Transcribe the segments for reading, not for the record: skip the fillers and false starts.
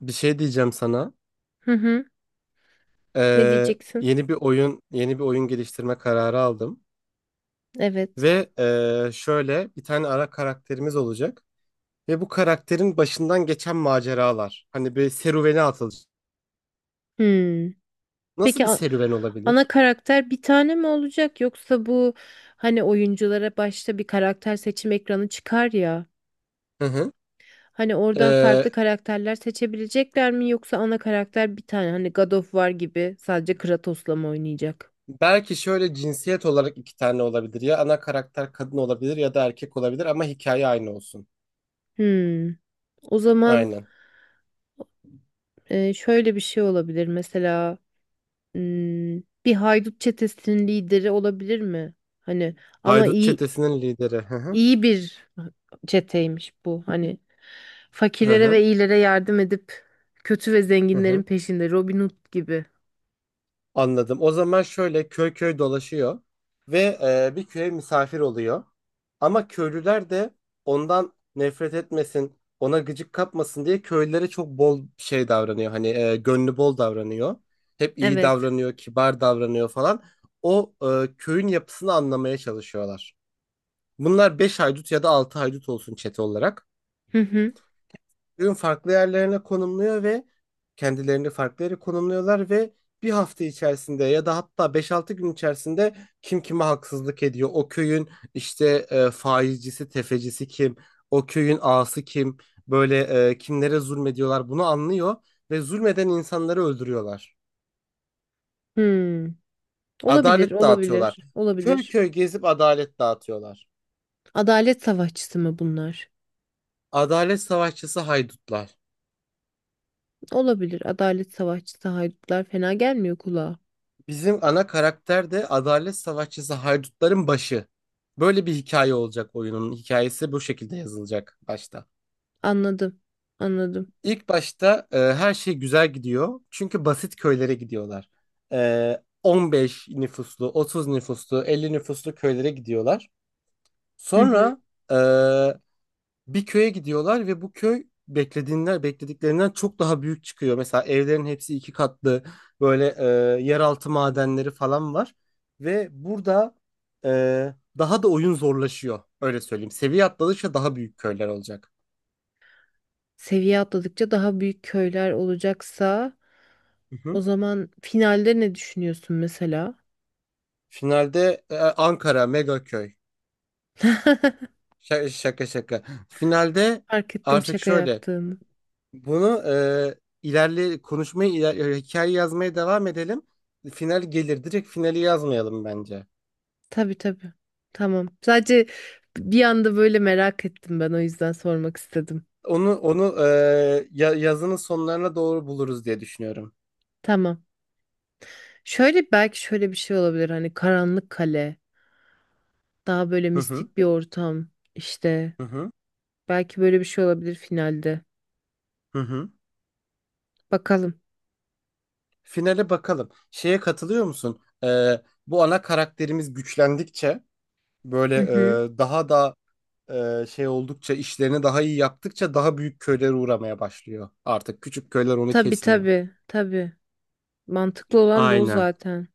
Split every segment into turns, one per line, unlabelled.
Bir şey diyeceğim sana.
Hı hı. Ne
Ee,
diyeceksin?
yeni bir oyun, yeni bir oyun geliştirme kararı aldım.
Evet.
Ve şöyle bir tane ara karakterimiz olacak. Ve bu karakterin başından geçen maceralar. Hani bir serüvene atılacak.
Hmm.
Nasıl
Peki
bir serüven
ana
olabilir?
karakter bir tane mi olacak yoksa bu hani oyunculara başta bir karakter seçim ekranı çıkar ya.
Hı hı.
Hani oradan farklı
Ee,
karakterler seçebilecekler mi yoksa ana karakter bir tane hani God of War gibi sadece Kratos'la mı oynayacak?
belki şöyle cinsiyet olarak iki tane olabilir. Ya ana karakter kadın olabilir ya da erkek olabilir ama hikaye aynı olsun.
Hmm. O zaman
Aynen.
şöyle bir şey olabilir mesela hmm, bir haydut çetesinin lideri olabilir mi? Hani ama
Haydut
iyi
çetesinin lideri. Hı hı.
İyi bir çeteymiş bu. Hani
Hı
fakirlere
hı.
ve iyilere yardım edip kötü ve
Hı hı.
zenginlerin peşinde Robin Hood gibi.
Anladım. O zaman şöyle köy köy dolaşıyor ve bir köye misafir oluyor. Ama köylüler de ondan nefret etmesin, ona gıcık kapmasın diye köylülere çok bol şey davranıyor. Hani gönlü bol davranıyor. Hep iyi
Evet.
davranıyor, kibar davranıyor falan. O köyün yapısını anlamaya çalışıyorlar. Bunlar 5 haydut ya da 6 haydut olsun çete olarak
Hı hı.
ürün farklı yerlerine konumluyor ve kendilerini farklı yere konumluyorlar ve bir hafta içerisinde ya da hatta beş altı gün içerisinde kim kime haksızlık ediyor? O köyün işte faizcisi, tefecisi kim? O köyün ağası kim? Böyle kimlere zulmediyorlar bunu anlıyor ve zulmeden insanları öldürüyorlar.
Hmm. Olabilir,
Adalet dağıtıyorlar.
olabilir,
Köy
olabilir.
köy gezip adalet dağıtıyorlar.
Adalet savaşçısı mı bunlar?
Adalet savaşçısı haydutlar.
Olabilir. Adalet savaşçısı haydutlar fena gelmiyor kulağa.
Bizim ana karakter de adalet savaşçısı haydutların başı. Böyle bir hikaye olacak oyunun. Hikayesi bu şekilde yazılacak başta.
Anladım. Anladım.
İlk başta her şey güzel gidiyor. Çünkü basit köylere gidiyorlar. 15 nüfuslu, 30 nüfuslu, 50 nüfuslu köylere gidiyorlar.
Hı hı.
Sonra e, bir köye gidiyorlar ve bu köy beklediklerinden çok daha büyük çıkıyor. Mesela evlerin hepsi iki katlı böyle yeraltı madenleri falan var ve burada daha da oyun zorlaşıyor öyle söyleyeyim. Seviye atladıkça daha büyük köyler olacak.
Seviye atladıkça daha büyük köyler olacaksa
Hı hı.
o zaman finalde ne düşünüyorsun mesela?
Finalde Ankara mega köy. Şaka şaka. Şaka. Finalde
Fark ettim
artık
şaka
şöyle
yaptığını.
bunu ilerle konuşmayı hikaye yazmaya devam edelim. Final gelir. Direkt finali yazmayalım bence.
Tabii tabii. Tamam. Sadece bir anda böyle merak ettim ben o yüzden sormak istedim.
Onu yazının sonlarına doğru buluruz diye düşünüyorum.
Tamam. Şöyle belki şöyle bir şey olabilir hani karanlık kale, daha böyle
Hı hı.
mistik bir ortam işte.
Hı hı.
Belki böyle bir şey olabilir finalde.
Hı hı.
Bakalım.
Finale bakalım. Şeye katılıyor musun? Bu ana karakterimiz güçlendikçe böyle
Hı hı.
daha da şey oldukça işlerini daha iyi yaptıkça daha büyük köylere uğramaya başlıyor. Artık küçük köyler onu
Tabii
kesmiyor.
tabii tabii. Mantıklı olan da o
Aynen.
zaten.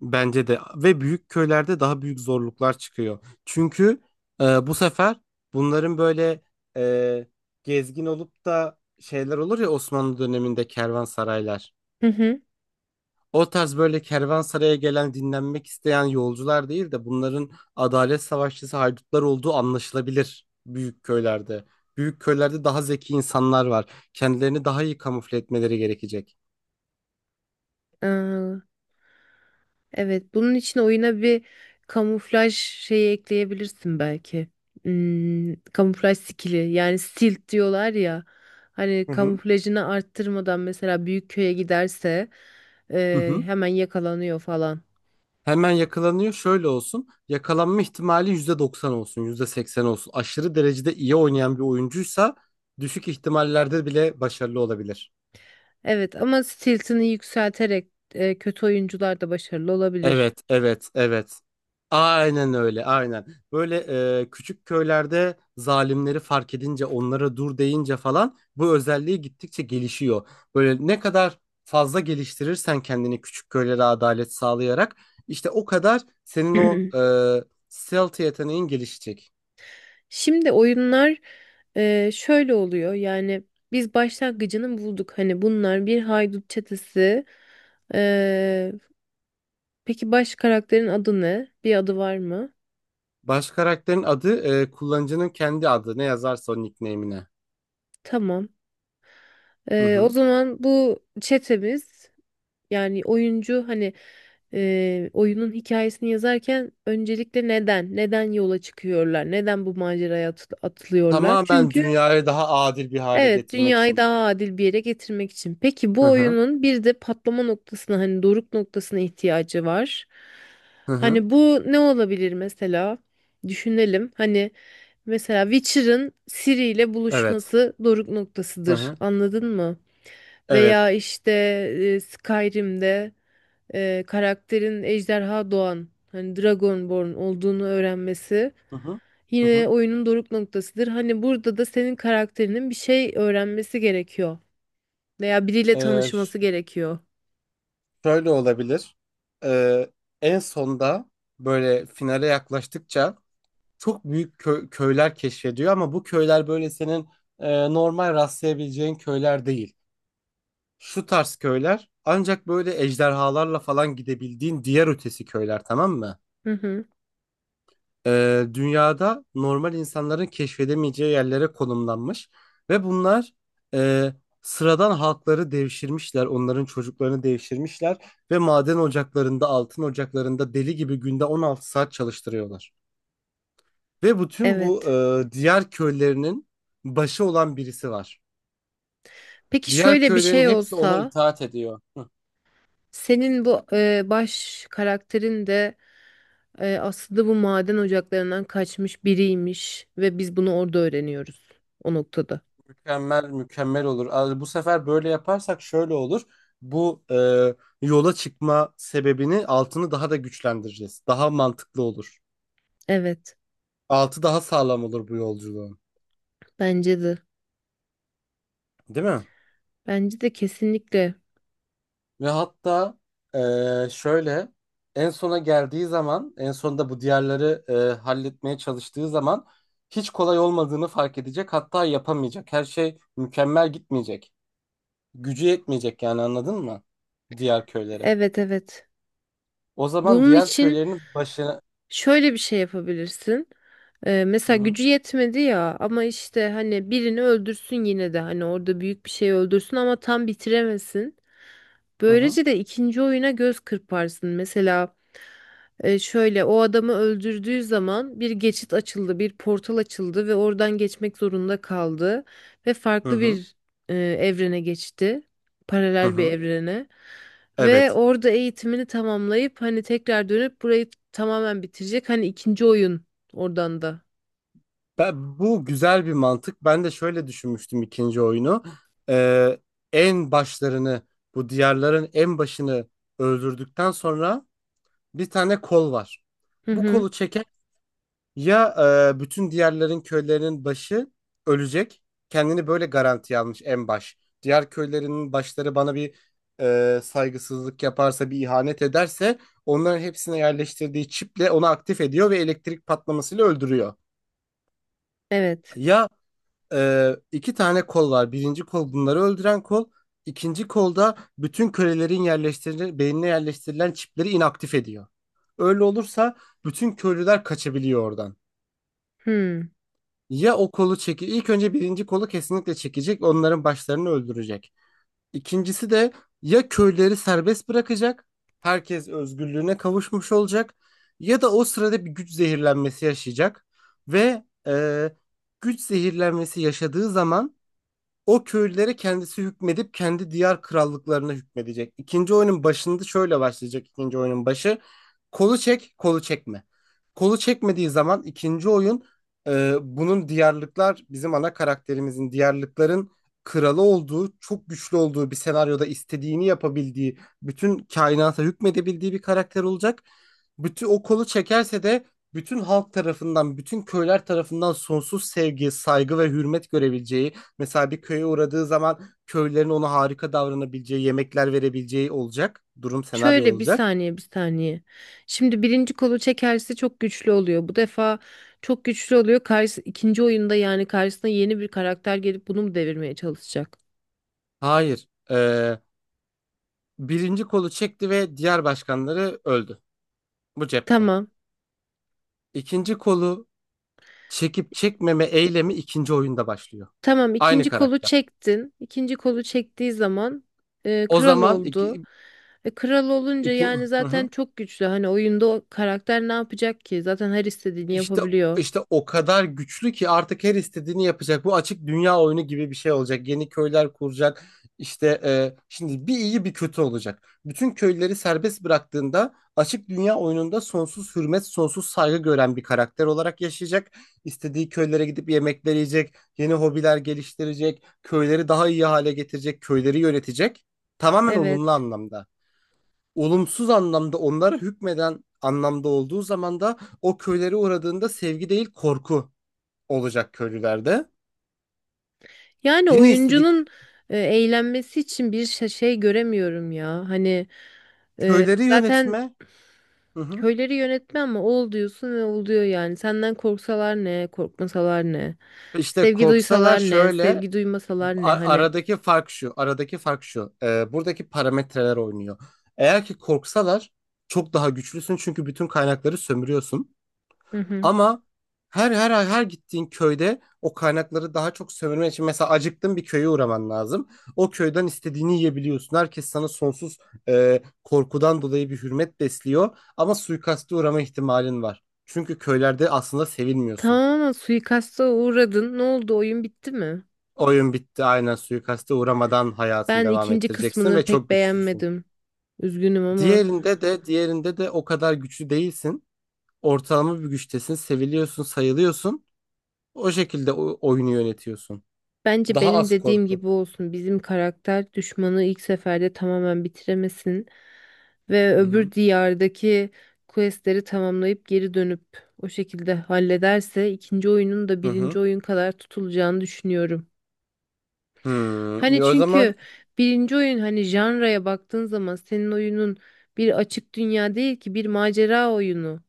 Bence de ve büyük köylerde daha büyük zorluklar çıkıyor. Çünkü bu sefer bunların böyle e, gezgin olup da şeyler olur ya Osmanlı döneminde kervansaraylar.
Hı
O tarz böyle kervansaraya gelen dinlenmek isteyen yolcular değil de bunların adalet savaşçısı haydutlar olduğu anlaşılabilir büyük köylerde. Büyük köylerde daha zeki insanlar var. Kendilerini daha iyi kamufle etmeleri gerekecek.
hı. Evet, bunun için oyuna bir kamuflaj şeyi ekleyebilirsin belki. Kamuflaj skili yani stilt diyorlar ya. Hani
Hı hı.
kamuflajını arttırmadan mesela büyük köye giderse
Hı hı.
hemen yakalanıyor falan.
Hemen yakalanıyor. Şöyle olsun. Yakalanma ihtimali %90 olsun, %80 olsun. Aşırı derecede iyi oynayan bir oyuncuysa düşük ihtimallerde bile başarılı olabilir.
Evet ama stiltini yükselterek kötü oyuncular da başarılı olabilir.
Evet, evet, evet. Aynen öyle, aynen. Böyle küçük köylerde zalimleri fark edince, onlara dur deyince falan bu özelliği gittikçe gelişiyor. Böyle ne kadar fazla geliştirirsen kendini küçük köylere adalet sağlayarak işte o kadar senin o e, stealth yeteneğin gelişecek.
Şimdi oyunlar şöyle oluyor yani biz başlangıcını bulduk. Hani bunlar bir haydut çetesi. e, Peki baş karakterin adı ne? Bir adı var mı?
Baş karakterin adı kullanıcının kendi adı. Ne yazarsa o nickname'ine.
Tamam.
Hı
O
hı.
zaman bu çetemiz yani oyuncu hani oyunun hikayesini yazarken öncelikle neden? Neden yola çıkıyorlar? Neden bu maceraya atılıyorlar?
Tamamen
Çünkü
dünyayı daha adil bir hale
Evet,
getirmek
dünyayı
için.
daha adil bir yere getirmek için. Peki
Hı
bu
hı.
oyunun bir de patlama noktasına hani doruk noktasına ihtiyacı var.
Hı hı.
Hani bu ne olabilir mesela? Düşünelim. Hani mesela Witcher'ın Ciri ile
Evet.
buluşması doruk
Hı
noktasıdır.
hı.
Anladın mı?
Evet.
Veya işte Skyrim'de karakterin ejderha doğan hani Dragonborn olduğunu öğrenmesi
Hı hı. Hı
yine
hı.
oyunun doruk noktasıdır. Hani burada da senin karakterinin bir şey öğrenmesi gerekiyor veya biriyle
E, ş-
tanışması gerekiyor.
şöyle olabilir. E, en sonda böyle finale yaklaştıkça çok büyük köyler keşfediyor ama bu köyler böyle senin normal rastlayabileceğin köyler değil. Şu tarz köyler ancak böyle ejderhalarla falan gidebildiğin diğer ötesi köyler tamam mı?
Hı hı.
Dünyada normal insanların keşfedemeyeceği yerlere konumlanmış ve bunlar e, sıradan halkları devşirmişler, onların çocuklarını devşirmişler ve maden ocaklarında, altın ocaklarında deli gibi günde 16 saat çalıştırıyorlar. Ve bütün bu
Evet.
diğer köylerinin başı olan birisi var.
Peki
Diğer
şöyle bir
köylerin
şey
hepsi ona
olsa
itaat ediyor.
senin bu baş karakterin de aslında bu maden ocaklarından kaçmış biriymiş ve biz bunu orada öğreniyoruz o noktada.
Mükemmel olur. Abi, bu sefer böyle yaparsak şöyle olur. Bu yola çıkma sebebini altını daha da güçlendireceğiz. Daha mantıklı olur.
Evet,
Altı daha sağlam olur bu yolculuğun.
bence de.
Değil mi?
Bence de kesinlikle.
Ve hatta şöyle en sona geldiği zaman en sonunda bu diğerleri halletmeye çalıştığı zaman hiç kolay olmadığını fark edecek. Hatta yapamayacak. Her şey mükemmel gitmeyecek. Gücü yetmeyecek yani anladın mı? Diğer köylere.
Evet, evet.
O zaman
Bunun
diğer
için
köylerin başına...
şöyle bir şey yapabilirsin.
Hı
Mesela
hı.
gücü yetmedi ya ama işte hani birini öldürsün yine de hani orada büyük bir şey öldürsün ama tam bitiremesin.
Hı hı.
Böylece de ikinci oyuna göz kırparsın. Mesela şöyle o adamı öldürdüğü zaman bir geçit açıldı, bir portal açıldı ve oradan geçmek zorunda kaldı ve
Hı
farklı
hı.
bir evrene geçti.
Hı
Paralel bir
hı.
evrene. Ve
Evet.
orada eğitimini tamamlayıp hani tekrar dönüp burayı tamamen bitirecek. Hani ikinci oyun oradan da.
Bu güzel bir mantık. Ben de şöyle düşünmüştüm ikinci oyunu. Ee, en başlarını, bu diyarların en başını öldürdükten sonra bir tane kol var.
Hı
Bu
hı.
kolu çeker. Ya bütün diğerlerin köylerinin başı ölecek. Kendini böyle garantiye almış en baş. Diğer köylerinin başları bana bir saygısızlık yaparsa, bir ihanet ederse onların hepsine yerleştirdiği çiple onu aktif ediyor ve elektrik patlamasıyla öldürüyor.
Evet.
Ya iki tane kol var. Birinci kol bunları öldüren kol. İkinci kolda bütün kölelerin yerleştirilen, beynine yerleştirilen çipleri inaktif ediyor. Öyle olursa bütün köylüler kaçabiliyor oradan.
Hmm.
Ya o kolu çeki ilk önce birinci kolu kesinlikle çekecek, onların başlarını öldürecek. İkincisi de ya köyleri serbest bırakacak, herkes özgürlüğüne kavuşmuş olacak ya da o sırada bir güç zehirlenmesi yaşayacak ve güç zehirlenmesi yaşadığı zaman o köylülere kendisi hükmedip kendi diyar krallıklarına hükmedecek. İkinci oyunun başında şöyle başlayacak ikinci oyunun başı. Kolu çek, kolu çekme. Kolu çekmediği zaman ikinci oyun bunun diyarlıklar bizim ana karakterimizin diyarlıkların kralı olduğu, çok güçlü olduğu bir senaryoda istediğini yapabildiği, bütün kainata hükmedebildiği bir karakter olacak. Bütün o kolu çekerse de bütün halk tarafından, bütün köyler tarafından sonsuz sevgi, saygı ve hürmet görebileceği. Mesela bir köye uğradığı zaman köylülerin ona harika davranabileceği, yemekler verebileceği olacak. Durum senaryo
Şöyle bir
olacak.
saniye, bir saniye. Şimdi birinci kolu çekerse çok güçlü oluyor. Bu defa çok güçlü oluyor. İkinci oyunda yani karşısına yeni bir karakter gelip bunu mu devirmeye çalışacak?
Hayır. Birinci kolu çekti ve diğer başkanları öldü. Bu cepte.
Tamam.
İkinci kolu çekip çekmeme eylemi ikinci oyunda başlıyor.
Tamam,
Aynı
ikinci kolu
karakter.
çektin. İkinci kolu çektiği zaman
O
kral
zaman
oldu. Kral olunca
iki,
yani zaten çok güçlü. Hani oyunda o karakter ne yapacak ki? Zaten her istediğini
İşte
yapabiliyor.
işte o kadar güçlü ki artık her istediğini yapacak. Bu açık dünya oyunu gibi bir şey olacak. Yeni köyler kuracak. İşte şimdi bir iyi bir kötü olacak. Bütün köyleri serbest bıraktığında açık dünya oyununda sonsuz hürmet, sonsuz saygı gören bir karakter olarak yaşayacak. İstediği köylere gidip yemekler yiyecek, yeni hobiler geliştirecek, köyleri daha iyi hale getirecek, köyleri yönetecek. Tamamen olumlu
Evet.
anlamda olumsuz anlamda onlara hükmeden anlamda olduğu zaman da o köylere uğradığında sevgi değil korku olacak köylülerde.
Yani
Yine istedik
oyuncunun eğlenmesi için bir şey göremiyorum ya. Hani
köyleri
zaten
yönetme. Hı hı.
köyleri yönetme ama ol diyorsun ve oluyor yani. Senden korksalar ne, korkmasalar ne.
İşte
Sevgi
korksalar
duysalar ne,
şöyle.
sevgi duymasalar
a-
ne hani.
aradaki fark şu aradaki fark şu Buradaki parametreler oynuyor. Eğer ki korksalar çok daha güçlüsün çünkü bütün kaynakları sömürüyorsun.
Hı hı.
Ama her gittiğin köyde o kaynakları daha çok sömürmen için mesela acıktın bir köye uğraman lazım. O köyden istediğini yiyebiliyorsun. Herkes sana sonsuz korkudan dolayı bir hürmet besliyor ama suikaste uğrama ihtimalin var. Çünkü köylerde aslında sevilmiyorsun.
Tamamen suikasta uğradın. Ne oldu? Oyun bitti mi?
Oyun bitti. Aynen, suikaste uğramadan hayatını
Ben
devam
ikinci
ettireceksin ve
kısmını pek
çok güçlüsün.
beğenmedim. Üzgünüm ama.
Diğerinde de o kadar güçlü değilsin. Ortalama bir güçtesin, seviliyorsun, sayılıyorsun. O şekilde oyunu yönetiyorsun.
Bence
Daha
benim
az
dediğim
korku.
gibi olsun. Bizim karakter düşmanı ilk seferde tamamen bitiremesin ve
Hı hı.
öbür diyardaki questleri tamamlayıp geri dönüp o şekilde hallederse ikinci oyunun da
Hı hı.
birinci oyun kadar tutulacağını düşünüyorum.
Hmm.
Hani
Ya, o zaman
çünkü birinci oyun hani janraya baktığın zaman senin oyunun bir açık dünya değil ki, bir macera oyunu.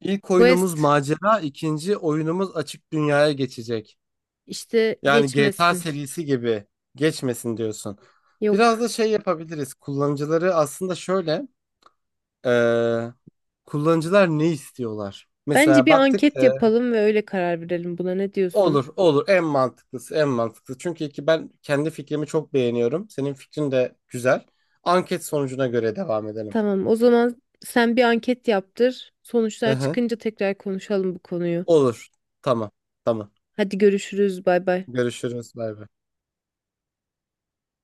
ilk oyunumuz
Quest
macera, ikinci oyunumuz açık dünyaya geçecek.
işte
Yani GTA
geçmesin.
serisi gibi geçmesin diyorsun. Biraz da
Yok.
şey yapabiliriz. Kullanıcıları aslında şöyle, eee, kullanıcılar ne istiyorlar?
Bence
Mesela
bir
baktık,
anket yapalım ve öyle karar verelim buna. Ne diyorsun?
olur, olur, en mantıklısı, en mantıklısı. Çünkü ki ben kendi fikrimi çok beğeniyorum. Senin fikrin de güzel. Anket sonucuna göre devam edelim.
Tamam, o zaman sen bir anket yaptır.
Hı
Sonuçlar
hı.
çıkınca tekrar konuşalım bu konuyu.
Olur, tamam, tamam.
Hadi görüşürüz, bay bay.
Görüşürüz. Bay bay.